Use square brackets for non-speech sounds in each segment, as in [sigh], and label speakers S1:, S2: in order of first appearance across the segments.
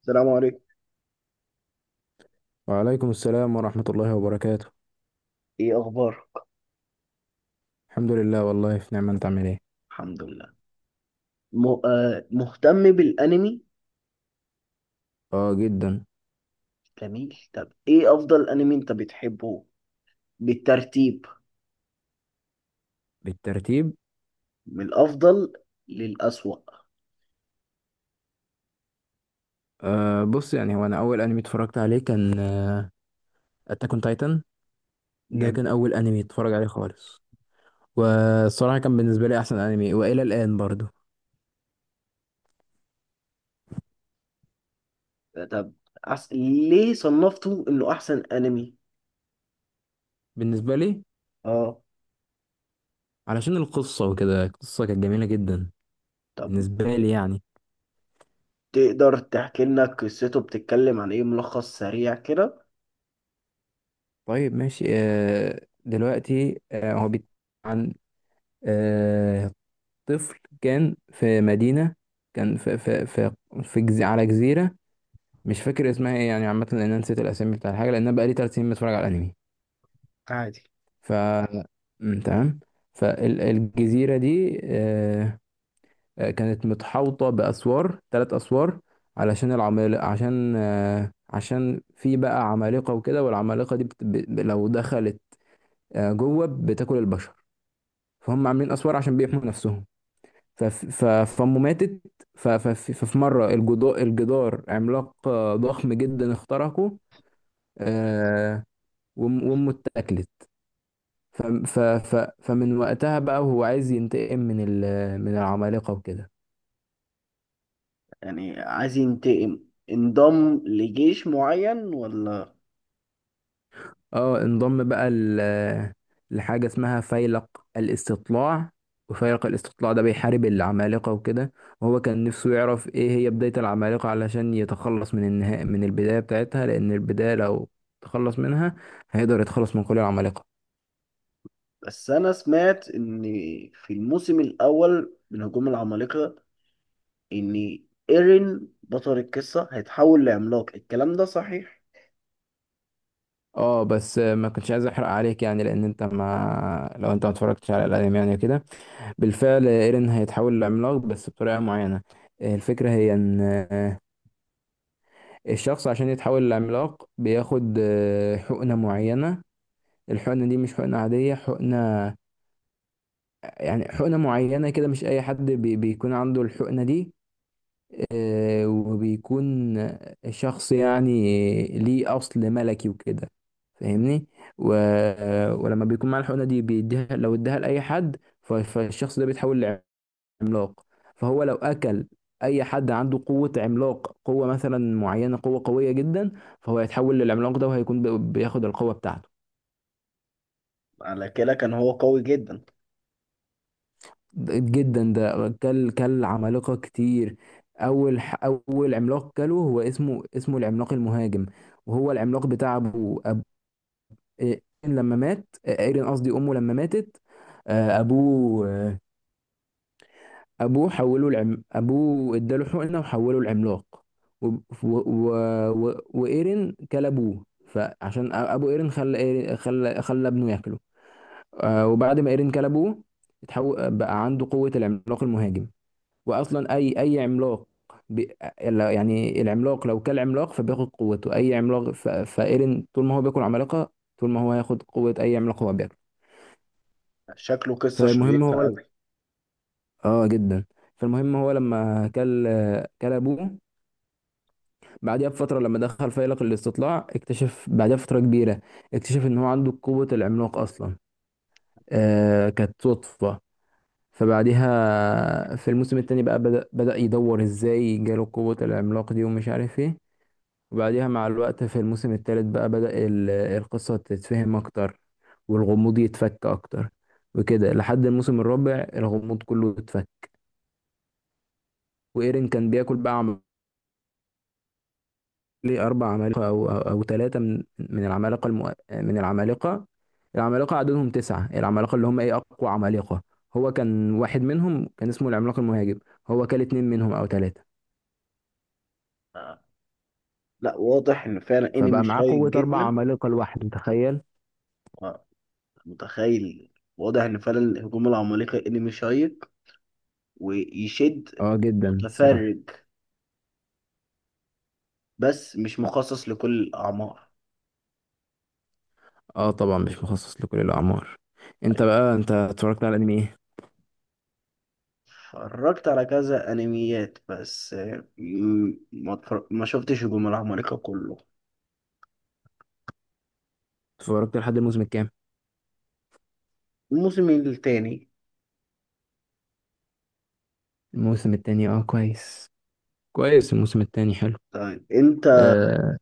S1: السلام عليكم.
S2: وعليكم السلام ورحمة الله وبركاته.
S1: ايه اخبارك؟
S2: الحمد لله، والله في نعمة. انت عامل ايه؟
S1: الحمد لله. م... آه مهتم بالانمي.
S2: اه جدا.
S1: جميل، طب ايه افضل انمي انت بتحبه بالترتيب،
S2: بالترتيب.
S1: من الافضل للاسوأ؟
S2: بص، يعني هو انا اول انمي اتفرجت عليه كان اتاك اون تايتن. ده
S1: جميل.
S2: كان اول انمي اتفرج عليه خالص. والصراحة كان بالنسبة لي احسن انمي والى الان برضو،
S1: طب ليه صنفته انه احسن انمي؟
S2: بالنسبة لي،
S1: اه.
S2: علشان القصة وكده. القصة كانت جميلة جدا
S1: طب
S2: بالنسبة لي يعني.
S1: تقدر تحكي لنا قصته، بتتكلم عن ايه، ملخص سريع كده؟
S2: طيب، ماشي. دلوقتي هو بيت عن طفل كان في مدينة، كان في على جزيرة. مش فاكر اسمها ايه يعني، عامة، لأن أنا نسيت الأسامي بتاع الحاجة، لأن أنا بقالي 3 سنين بتفرج على الأنمي.
S1: عادي.
S2: ف تمام. فالجزيرة دي كانت متحوطة بأسوار، 3 أسوار، علشان العمال عشان آه، عشان في بقى عمالقة وكده. والعمالقة دي لو دخلت جوه بتاكل البشر. فهم عاملين أسوار عشان بيحموا نفسهم. فف- ف- فأمه ماتت. ففي مرة الجدار عملاق ضخم جدا اخترقه، آه، وأمه اتاكلت. فمن وقتها بقى وهو عايز ينتقم من العمالقة وكده.
S1: يعني عايز ينتقم، انضم لجيش معين ولا؟
S2: اه، انضم بقى لحاجة اسمها فيلق الاستطلاع. وفيلق الاستطلاع ده بيحارب العمالقة وكده. وهو كان نفسه يعرف ايه هي بداية العمالقة، علشان يتخلص من النهاية، من البداية بتاعتها، لأن البداية لو تخلص منها هيقدر يتخلص من كل العمالقة.
S1: بس انا سمعت ان في الموسم الاول من هجوم العمالقه، ان ايرين بطل القصه هيتحول لعملاق، الكلام ده صحيح؟
S2: اه، بس ما كنتش عايز احرق عليك يعني، لان انت ما لو انت ما اتفرجتش على الانمي يعني كده. بالفعل ايرين هيتحول لعملاق، بس بطريقة معينة. الفكرة هي ان الشخص عشان يتحول لعملاق بياخد حقنة معينة. الحقنة دي مش حقنة عادية، حقنة يعني حقنة معينة كده. مش أي حد بيكون عنده الحقنة دي، وبيكون شخص يعني ليه أصل ملكي وكده، فاهمني. و... ولما بيكون معاه الحقنة دي بيديها، لو اداها لأي حد فالشخص ده بيتحول عملاق. فهو لو اكل اي حد عنده قوة عملاق، قوة مثلا معينة، قوة قوية جدا، فهو هيتحول للعملاق ده، وهيكون بياخد القوة بتاعته.
S1: على كده كان هو قوي جدا.
S2: جدا. ده كل عمالقة كتير. اول عملاق كله هو اسمه العملاق المهاجم، وهو العملاق بتاع ابوه. أب... إيه، لما مات ايرين، قصدي امه، لما ماتت، ابوه، ابوه حوله العم ابوه اداله حقنه وحوله العملاق. و... و... و... وايرين كل ابوه. فعشان ابو ايرين خلى خلى ابنه ياكله. وبعد ما ايرين كل ابوه بقى عنده قوه العملاق المهاجم. واصلا اي عملاق ب... لا- يعني العملاق لو كل عملاق فبياخد قوته اي عملاق، فايرين طول ما هو بياكل عمالقه، طول ما هو هياخد قوه اي عملاق هو بياكله.
S1: شكله قصه
S2: فالمهم
S1: شيقه
S2: هو...
S1: قوي.
S2: اه جدا. فالمهم هو لما كل ابوه، بعدها بفترة، لما دخل فيلق الاستطلاع اكتشف بعدها بفترة كبيرة، اكتشف ان هو عنده قوة العملاق اصلا. كانت صدفة. فبعدها في الموسم التاني بقى بدأ يدور ازاي جاله قوة العملاق دي ومش عارف ايه. وبعدها مع الوقت في الموسم التالت بقى بدأ القصة تتفهم اكتر، والغموض يتفك اكتر، وكده لحد الموسم الرابع الغموض كله اتفك. وايرين كان بياكل بقى ليه 4 عمالقة أو 3 من العمالقة، من العمالقة. العمالقة عددهم 9، العمالقة اللي هم إيه أقوى عمالقة. هو كان واحد منهم كان اسمه العملاق المهاجم. هو كان 2 منهم أو 3.
S1: آه. لا واضح ان فعلا
S2: فبقى
S1: انمي
S2: معاه
S1: شيق
S2: قوة أربع
S1: جدا.
S2: عمالقة لوحده، تخيل.
S1: آه. متخيل. واضح ان فعلا هجوم العمالقه انمي شيق ويشد
S2: اه جدا الصراحة.
S1: متفرج، بس مش مخصص لكل الاعمار.
S2: اه، طبعا مش مخصص لكل الأعمار. انت اتفرجت على الأنمي ايه؟
S1: اتفرجت على كذا انميات بس ما شفتش هجوم العمالقة كله.
S2: اتفرجت لحد الموسم الكام؟
S1: الموسم التاني.
S2: الموسم التاني. اه كويس، كويس. الموسم التاني حلو.
S1: طيب انت،
S2: آه...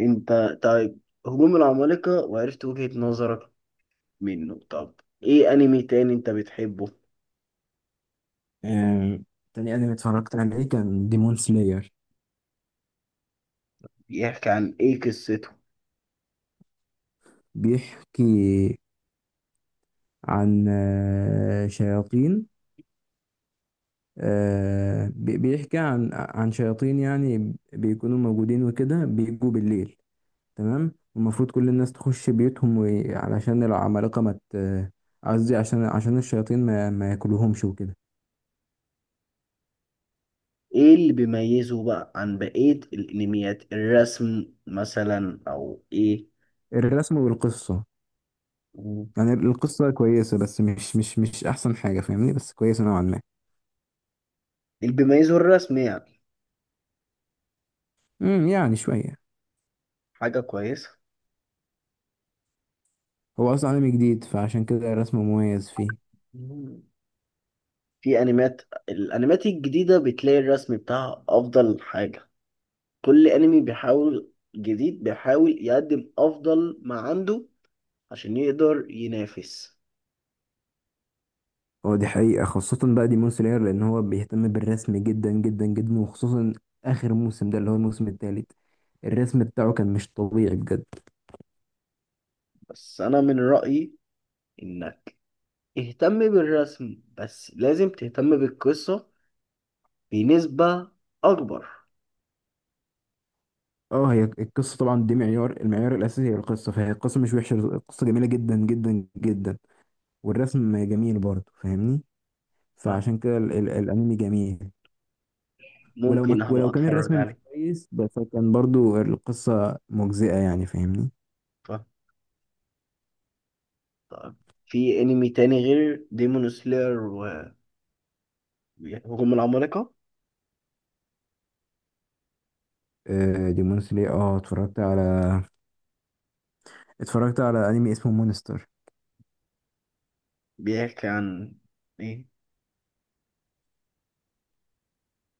S1: انت طيب هجوم العمالقة وعرفت وجهة نظرك منه، طب ايه انمي تاني انت بتحبه؟
S2: آه، تاني أنمي اتفرجت عليه كان ديمون سلاير.
S1: بيحكي عن ايه قصته؟
S2: بيحكي عن شياطين. بيحكي عن شياطين، يعني بيكونوا موجودين وكده، بيجوا بالليل. تمام، المفروض كل الناس تخش بيوتهم، علشان العمالقة ما ت- قصدي عشان الشياطين ما ياكلوهمش وكده.
S1: ايه اللي بيميزه بقى عن بقية الانميات، الرسم مثلا او ايه؟
S2: الرسم والقصة. يعني القصة كويسة، بس مش أحسن حاجة، فاهمني، بس كويسة نوعا ما.
S1: اللي بيميزه الرسم يعني.
S2: يعني شوية.
S1: حاجة كويسة.
S2: هو أصلا عالم جديد، فعشان كده الرسم مميز فيه.
S1: في انميات، الانميات الجديده بتلاقي الرسم بتاعها افضل حاجه. كل انمي بيحاول، جديد بيحاول يقدم افضل ما عنده عشان يقدر ينافس.
S2: هو دي حقيقة خاصة بقى ديمون سلاير، لأن هو بيهتم بالرسم جدا جدا جدا، وخصوصا آخر موسم ده اللي هو الموسم التالت. الرسم بتاعه كان مش طبيعي بجد.
S1: بس انا من رايي انك اهتم بالرسم، بس لازم تهتم بالقصه بنسبه اكبر.
S2: اه، هي القصة طبعا دي معيار، المعيار الأساسي هي القصة. فهي القصة مش وحشة، القصة جميلة جدا جدا جدا، والرسم جميل برضه، فاهمني.
S1: ف-
S2: فعشان كده ال ال الأنمي جميل.
S1: ممكن هبقى
S2: ولو كان
S1: اتفرج
S2: الرسم مش
S1: عليه.
S2: كويس، بس كان برضه القصة مجزئة يعني، فاهمني.
S1: ف- طيب. في انمي تاني غير ديمون سلاير وهجوم العمالقه
S2: ديمون سلاير. اه، اتفرجت على أنمي اسمه مونستر.
S1: بيحكي عن ايه؟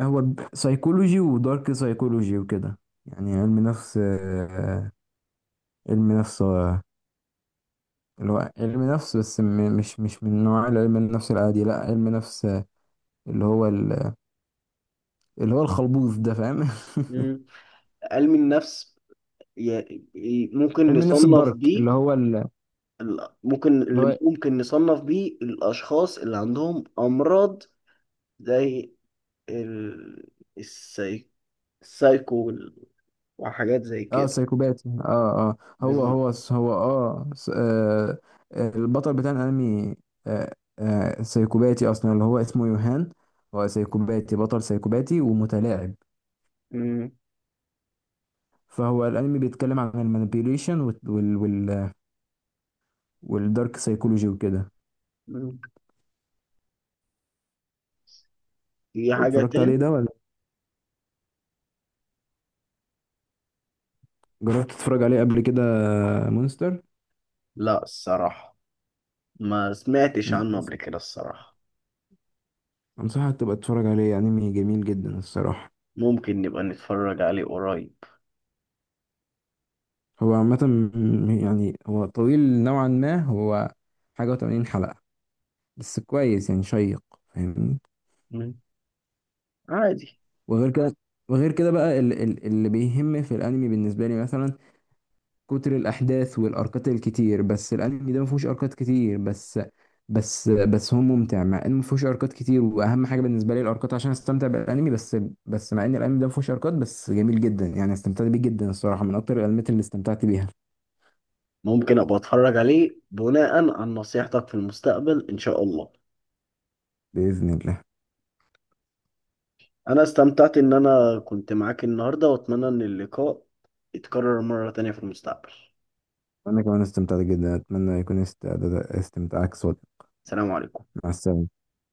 S2: هو سايكولوجي ودارك سايكولوجي وكده. يعني علم نفس، علم نفس، اللي هو علم نفس، بس مش من نوع علم النفس العادي. لا، علم نفس اللي هو اللي هو الخلبوز ده، فاهم؟ [laughs]
S1: مم. علم النفس، ممكن
S2: علم النفس
S1: نصنف
S2: الدارك، اللي
S1: بيه،
S2: هو
S1: ممكن
S2: اللي
S1: اللي
S2: هو
S1: ممكن نصنف بيه الأشخاص اللي عندهم أمراض زي ال... السي... السايكو وحاجات زي
S2: اه
S1: كده.
S2: سايكوباتي، اه اه.
S1: بز...
S2: هو اه البطل بتاع الانمي، سايكوباتي اصلا، اللي هو اسمه يوهان. هو سايكوباتي، بطل سايكوباتي ومتلاعب.
S1: مم.
S2: فهو الانمي بيتكلم عن المانيبيوليشن وال والدارك سايكولوجي وكده.
S1: مم. في حاجة
S2: اتفرجت عليه
S1: تاني؟
S2: ده ولا جربت تتفرج عليه قبل كده؟ مونستر.
S1: لا الصراحة، ما سمعتش
S2: مم.
S1: عنه قبل كده الصراحة.
S2: انصحك تبقى تتفرج عليه، انمي جميل جدا الصراحة.
S1: ممكن نبقى نتفرج عليه قريب.
S2: هو عامة يعني هو طويل نوعا ما، هو حاجة و80 حلقة، بس كويس يعني، شيق، فاهمني.
S1: مم. عادي.
S2: وغير كده، وغير كده بقى اللي بيهم في الانمي بالنسبة لي مثلا كتر الاحداث والاركات الكتير، بس الانمي ده ما فيهوش اركات كتير، بس هو ممتع، مع انه ما فيهوش اركات كتير، واهم حاجه بالنسبه لي الاركات عشان استمتع بالانمي. بس بس مع ان الانمي ده ما فيهوش اركات، بس جميل جدا يعني، استمتعت بيه جدا الصراحه، من اكتر الانميات اللي استمتعت بيها.
S1: ممكن أبقى أتفرج عليه بناء عن نصيحتك في المستقبل إن شاء الله.
S2: باذن الله.
S1: انا استمتعت ان انا كنت معاك النهارده، واتمنى ان اللقاء يتكرر مرة تانية في المستقبل.
S2: انا كمان استمتعت جدا، اتمنى يكون استمتاعك صادق.
S1: سلام عليكم.
S2: مع السلامه.